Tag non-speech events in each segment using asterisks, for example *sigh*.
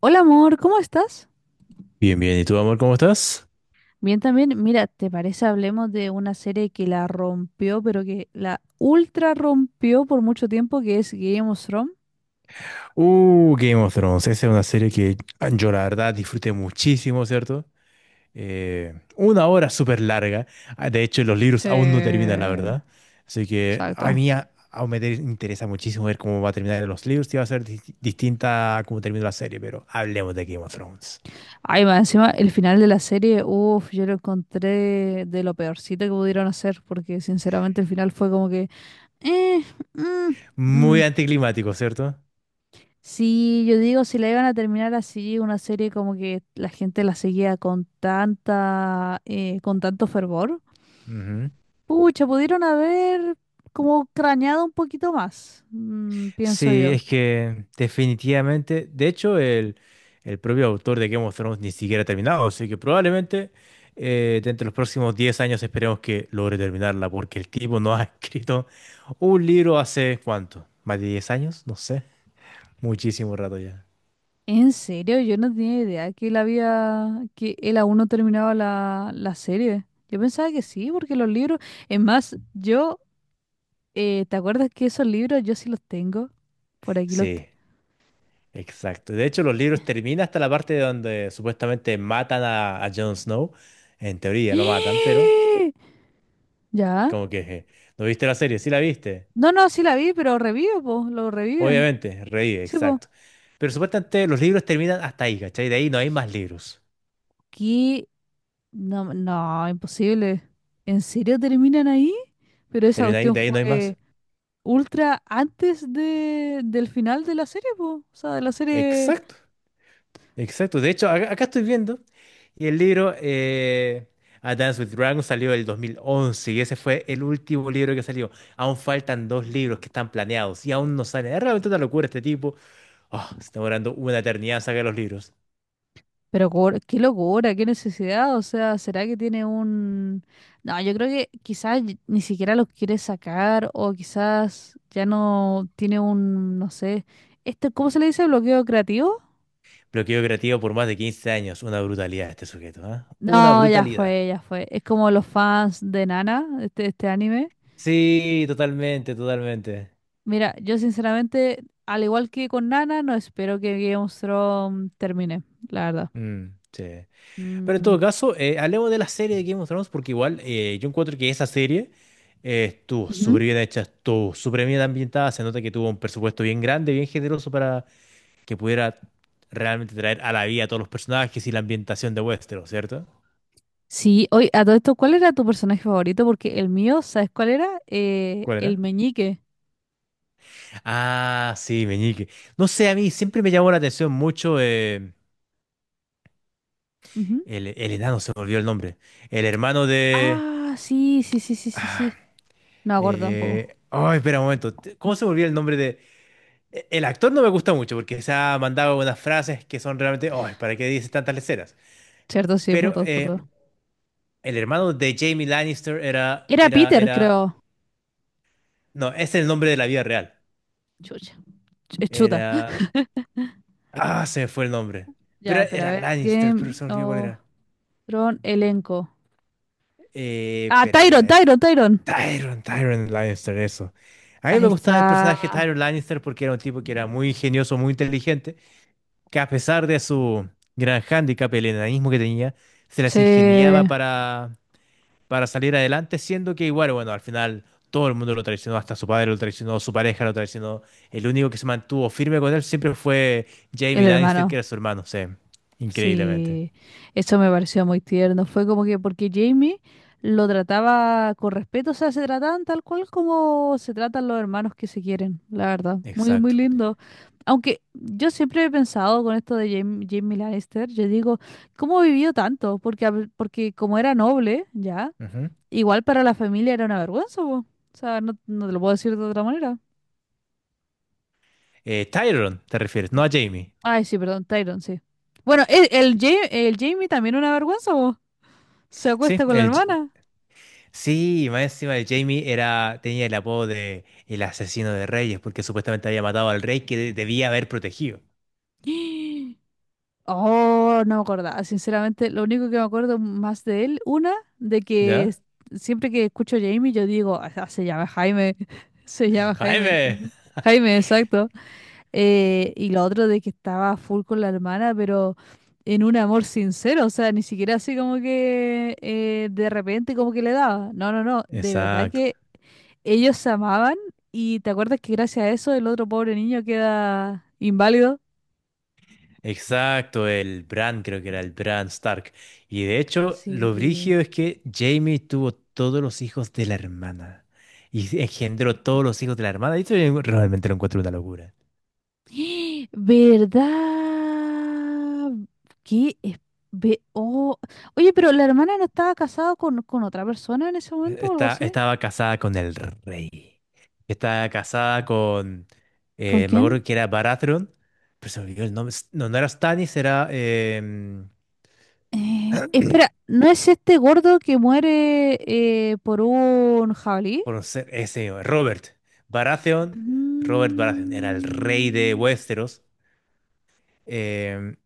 Hola amor, ¿cómo estás? Bien, bien. ¿Y tú, amor, cómo estás? Bien también, mira, ¿te parece hablemos de una serie que la rompió, pero que la ultra rompió por mucho tiempo, que es Game of Thrones? Game of Thrones. Esa es una serie que yo la verdad disfruté muchísimo, ¿cierto? Una hora súper larga. De hecho, los libros Sí, aún no terminan, la verdad. Así que a exacto. mí aún me interesa muchísimo ver cómo va a terminar los libros y va a ser distinta a cómo termina la serie, pero hablemos de Game of Thrones. Ay, más encima, el final de la serie, uff, yo lo encontré de lo peorcito que pudieron hacer, porque sinceramente el final fue como que, eh, mm, Muy mm. anticlimático, cierto. Sí, yo digo, si la iban a terminar así, una serie como que la gente la seguía con tanta, con tanto fervor. Pucha, pudieron haber como craneado un poquito más, pienso Sí, yo. es que definitivamente, de hecho, el propio autor de Game of Thrones ni siquiera ha terminado, así que probablemente dentro de los próximos 10 años esperemos que logre terminarla, porque el tipo no ha *laughs* escrito un libro hace cuánto, más de 10 años, no sé, muchísimo rato ya. En serio, yo no tenía idea que él que él aún no terminaba la serie. Yo pensaba que sí, porque los libros, es más, ¿te acuerdas que esos libros yo sí los tengo? Por aquí los... te- Sí, exacto. De hecho, los libros terminan hasta la parte donde supuestamente matan a Jon Snow, en teoría lo matan, pero *gasps* ¿Ya? como que, ¿no viste la serie? Sí la viste. No, no, sí la vi, pero revive, po, lo reviven. Obviamente, reír, Sí, po. exacto. Pero supuestamente los libros terminan hasta ahí, ¿cachai? De ahí no hay más libros. ¿Qué? No, no, imposible. ¿En serio terminan ahí? Pero esa Termina ahí, cuestión de ahí no hay fue... más. ultra antes del final de la serie, po. O sea, de la serie. Exacto, exacto. De hecho, acá estoy viendo. Y el libro A Dance with Dragons salió el 2011 y ese fue el último libro que salió. Aún faltan dos libros que están planeados y aún no salen. Es realmente una locura este tipo. Oh, se está demorando una eternidad en sacar los libros. Pero cor- qué locura, qué necesidad. O sea, ¿será que tiene un...? No, yo creo que quizás y- ni siquiera los quiere sacar o quizás ya no tiene un, no sé, este, ¿cómo se le dice? ¿Bloqueo creativo? Bloqueo creativo por más de 15 años. Una brutalidad este sujeto, ¿ah? Una No, ya brutalidad. fue, ya fue. Es como los fans de Nana, este anime. Sí, totalmente, totalmente. Mira, yo sinceramente, al igual que con Nana, no espero que Game of Thrones termine, la verdad. Mm, sí. Pero en Mm. todo caso, hablemos de la serie de Game of Thrones porque igual yo encuentro que esa serie estuvo Ujú. súper bien hecha, estuvo súper bien ambientada, se nota que tuvo un presupuesto bien grande, bien generoso para que pudiera realmente traer a la vida a todos los personajes y la ambientación de Westeros, ¿cierto? Sí, oye, a todo esto, ¿cuál era tu personaje favorito? Porque el mío, ¿sabes cuál era? ¿Cuál El era? meñique. Ah, sí, Meñique. No sé, a mí siempre me llamó la atención mucho Ujú. el enano, se me olvidó el nombre. El hermano de... Ah, sí, sí, sí, sí, sí, ah, sí. No me acuerdo tampoco. Ay, espera un momento. ¿Cómo se me olvidó el nombre de... El actor no me gusta mucho porque se ha mandado unas frases que son realmente, oh, ¿para qué dices tantas leceras? Cierto, sí, por Pero todos, por todos. el hermano de Jamie Lannister era, Era era, Peter, era, creo. no, es el nombre de la vida real. Chucha. Ch- chuta. *laughs* Era, ah, se me fue el nombre. Pero Ya, pero a era ver. Lannister, pero Game se me olvidó cuál of era. Thrones, elenco. Ah, Espera, a ver, a Tyron, ver. Tyron, Tyron. Tyrion, Tyrion Lannister, eso. A mí Ahí me gustaba el personaje de está. Tyrion Lannister porque era un tipo que era muy ingenioso, muy inteligente que a pesar de su gran hándicap, el enanismo que tenía, se Sí, las ingeniaba el para salir adelante, siendo que igual, bueno, al final todo el mundo lo traicionó, hasta su padre lo traicionó, su pareja lo traicionó. El único que se mantuvo firme con él siempre fue Jaime Lannister, hermano. que era su hermano, sí, increíblemente. Sí, eso me pareció muy tierno. Fue como que porque Jamie lo trataba con respeto, o sea, se trataban tal cual como se tratan los hermanos que se quieren, la verdad. Muy, muy Exacto. lindo. Aunque yo siempre he pensado con esto de Jamie Lannister, yo digo, ¿cómo vivió tanto? Porque, a- porque como era noble, ya, Ujú. igual para la familia era una vergüenza, po. O sea, no, no te lo puedo decir de otra manera. Tyrion, te refieres, no a Jaime. Ay, sí, perdón, Tyron, sí. Bueno, Ja- el Jamie también una vergüenza, po. Se Sí, acuesta con la hermana. sí, más encima de Jaime era, tenía el apodo de el asesino de reyes, porque supuestamente había matado al rey que debía haber protegido. *gasps* Oh, no me acordaba. Sinceramente, lo único que me acuerdo más de él, una, de que ¿Ya? s- siempre que escucho a Jamie, yo digo, "Ah, ah, se llama Jaime, *laughs* se llama Jaime, Jaime. Jaime, exacto". Y lo otro de que estaba full con la hermana, pero en un amor sincero, o sea, ni siquiera así como que de repente como que le daba. No, no, no, de verdad Exacto, que ellos se amaban y te acuerdas que gracias a eso el otro pobre niño queda inválido. exacto, el Bran creo que era el Bran Stark. Y de hecho, lo Sí. brígido es que Jaime tuvo todos los hijos de la hermana y engendró todos los hijos de la hermana. Y eso yo realmente lo encuentro una locura. *gasps* ¿Verdad? ¿Qué es- ve- oh. Oye, pero la hermana no estaba casada con otra persona en ese momento o algo así. Estaba casada con el rey. Estaba casada con, ¿Con me quién? acuerdo que era Baratheon, pero se me olvidó el nombre. S- No, no era Stannis, era... Espera, ¿no es este gordo que muere por un jabalí? conocer ese señor, Robert Baratheon. Robert Baratheon era el rey de Mm, Westeros, em,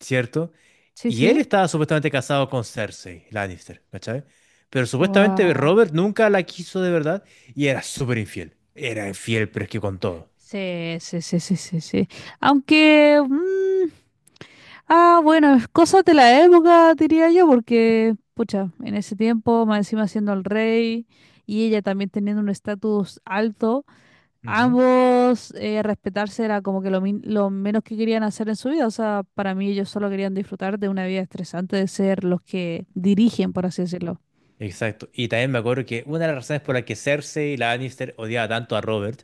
¿cierto? sí, Y él sí. estaba supuestamente casado con Cersei Lannister, ¿cachai? Pero supuestamente Guau. Robert nunca la quiso de verdad y era súper infiel. Era infiel, pero es que con todo. Sí, sí, sí, sí, sí, sí. Aunque, bueno, es cosas de la época, diría yo, porque, pucha, en ese tiempo, más encima siendo el rey y ella también teniendo un estatus alto, Ujú. ambos respetarse era como que lo, min- lo menos que querían hacer en su vida. O sea, para mí ellos solo querían disfrutar de una vida estresante, de ser los que dirigen, por así decirlo. Exacto. Y también me acuerdo que una de las razones por las que Cersei y la Lannister odiaba tanto a Robert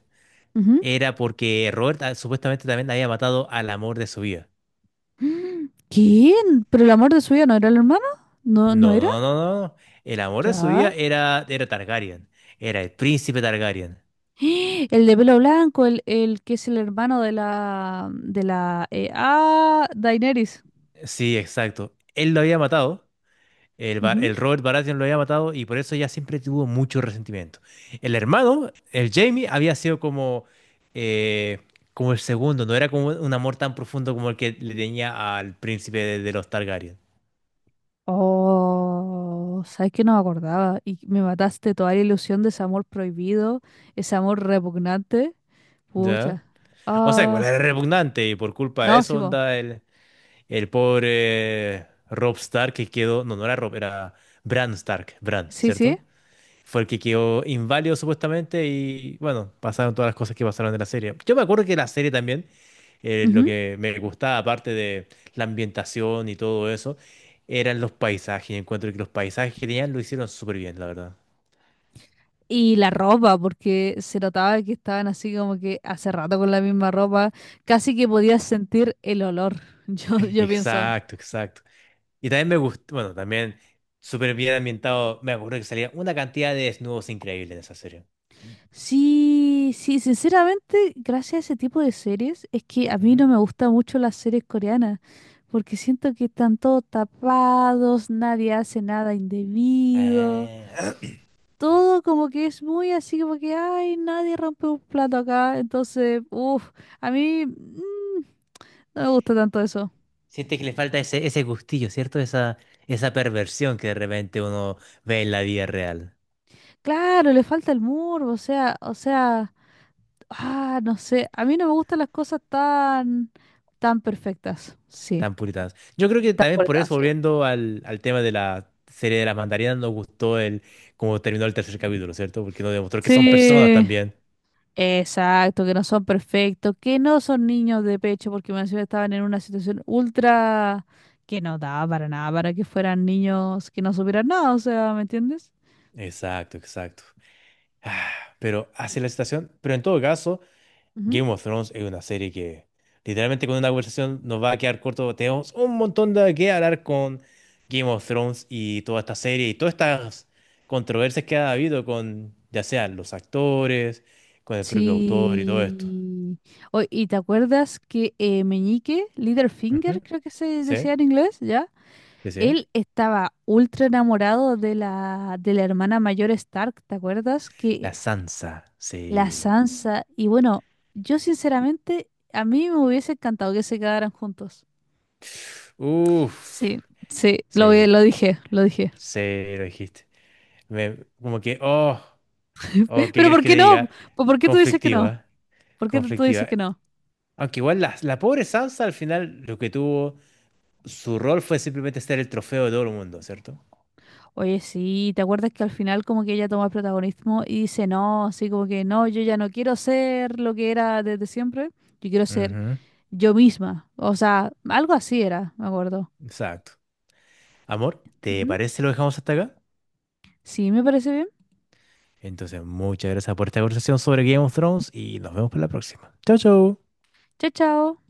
Ujú. *gasps* era porque Robert supuestamente también había matado al amor de su vida. Mm, ¿quién? ¿Pero el amor de su vida no era el hermano? ¿No, no No, era? no, no, no. No. El amor de su vida Ya. era Targaryen. Era el príncipe Targaryen. *gasps* ¡Ah! El de pelo blanco, el que es el hermano de la Daenerys. Sí, exacto. Él lo había matado. El, Ujú. el Robert Baratheon lo había matado y por eso ella siempre tuvo mucho resentimiento. El hermano, el Jaime, había sido como, eh, como el segundo, no era como un amor tan profundo como el que le tenía al príncipe de los Targaryen. Oh, sabes que no me acordaba y me mataste toda la ilusión de ese amor prohibido, ese amor repugnante. ¿Ya? Pucha. O sea, igual Ah, era repugnante y por culpa de no, sí, eso, vos. onda, el pobre Robb Stark que quedó, no, no era Robb, era Bran Stark, Bran, Sí, sí. ¿cierto? Fue el que quedó inválido supuestamente y bueno, pasaron todas las cosas que pasaron de la serie. Yo me acuerdo que la serie también, lo Ujú. que me gustaba, aparte de la ambientación y todo eso, eran los paisajes. Y encuentro que los paisajes que tenían lo hicieron súper bien, la verdad. Y la ropa, porque se notaba que estaban así como que hace rato con la misma ropa, casi que podías sentir el olor. *laughs* Yo pienso. Exacto, exacto. Y también me gustó, bueno, también súper bien ambientado, me acuerdo que salía una cantidad de desnudos increíbles en esa serie. Sí, sí, sinceramente, gracias a ese tipo de series, es que a mí Ujú. no me gustan mucho las series coreanas, porque siento que están todos tapados, nadie hace nada indebido, Ah, *clears throat* todo como que es muy así, como que, ay, nadie rompe un plato acá, entonces, uff, a mí no me gusta tanto eso. siente que le falta ese gustillo, ¿cierto? Esa perversión que de repente uno ve en la vida real, Claro, le falta el muro, o sea, no sé, a mí no me gustan las cosas tan, tan perfectas, sí, tan puritanos. Yo creo que tan también por eso, cortadas. volviendo al tema de la serie de las mandarinas, nos gustó el cómo terminó el tercer capítulo, ¿cierto? Porque nos demostró que son personas Sí, también. exacto, que no son perfectos, que no son niños de pecho, porque me encima estaban en una situación ultra que no daba para nada, para que fueran niños que no supieran nada, o sea, ¿me entiendes? Exacto, exacto. Ah, pero Y- hacia la situación, pero en todo caso. ujú. Game of Thrones es una serie que literalmente con una conversación nos va a quedar corto. Tenemos un montón de que hablar con Game of Thrones y toda esta serie y todas estas controversias que ha habido con ya sean los actores, con el propio autor y todo esto. Sí. Oy, ¿y te acuerdas que Meñique, Ujú. Littlefinger, creo que se decía Sí, en inglés, ¿ya? sí, sí. Él estaba ultra enamorado de de la hermana mayor Stark, ¿te acuerdas? Que La Sansa, la sí. Sansa. Y bueno, yo sinceramente, a mí me hubiese encantado que se quedaran juntos. Uf, Sí, sí, lo, vi- sí, lo dije, lo dije. sí, lo dijiste. Como que, oh, *laughs* oh, ¿qué Pero crees ¿por que qué te no? diga? ¿Po- ¿Por qué tú dices que no? Conflictiva, ¿Por qué tú dices que conflictiva. no? Aunque igual la pobre Sansa al final lo que tuvo, su rol fue simplemente ser el trofeo de todo el mundo, ¿cierto? Oye, sí, ¿te acuerdas que al final como que ella toma el protagonismo y dice no, así como que no, yo ya no quiero ser lo que era desde siempre, yo quiero ser Ujú. yo misma? O sea, algo así era, me acuerdo. Exacto. Amor, ¿te Ujú. parece lo dejamos hasta acá? Sí, me parece bien. Entonces, muchas gracias por esta conversación sobre Game of Thrones y nos vemos para la próxima. Chau, chau. Chao, chao.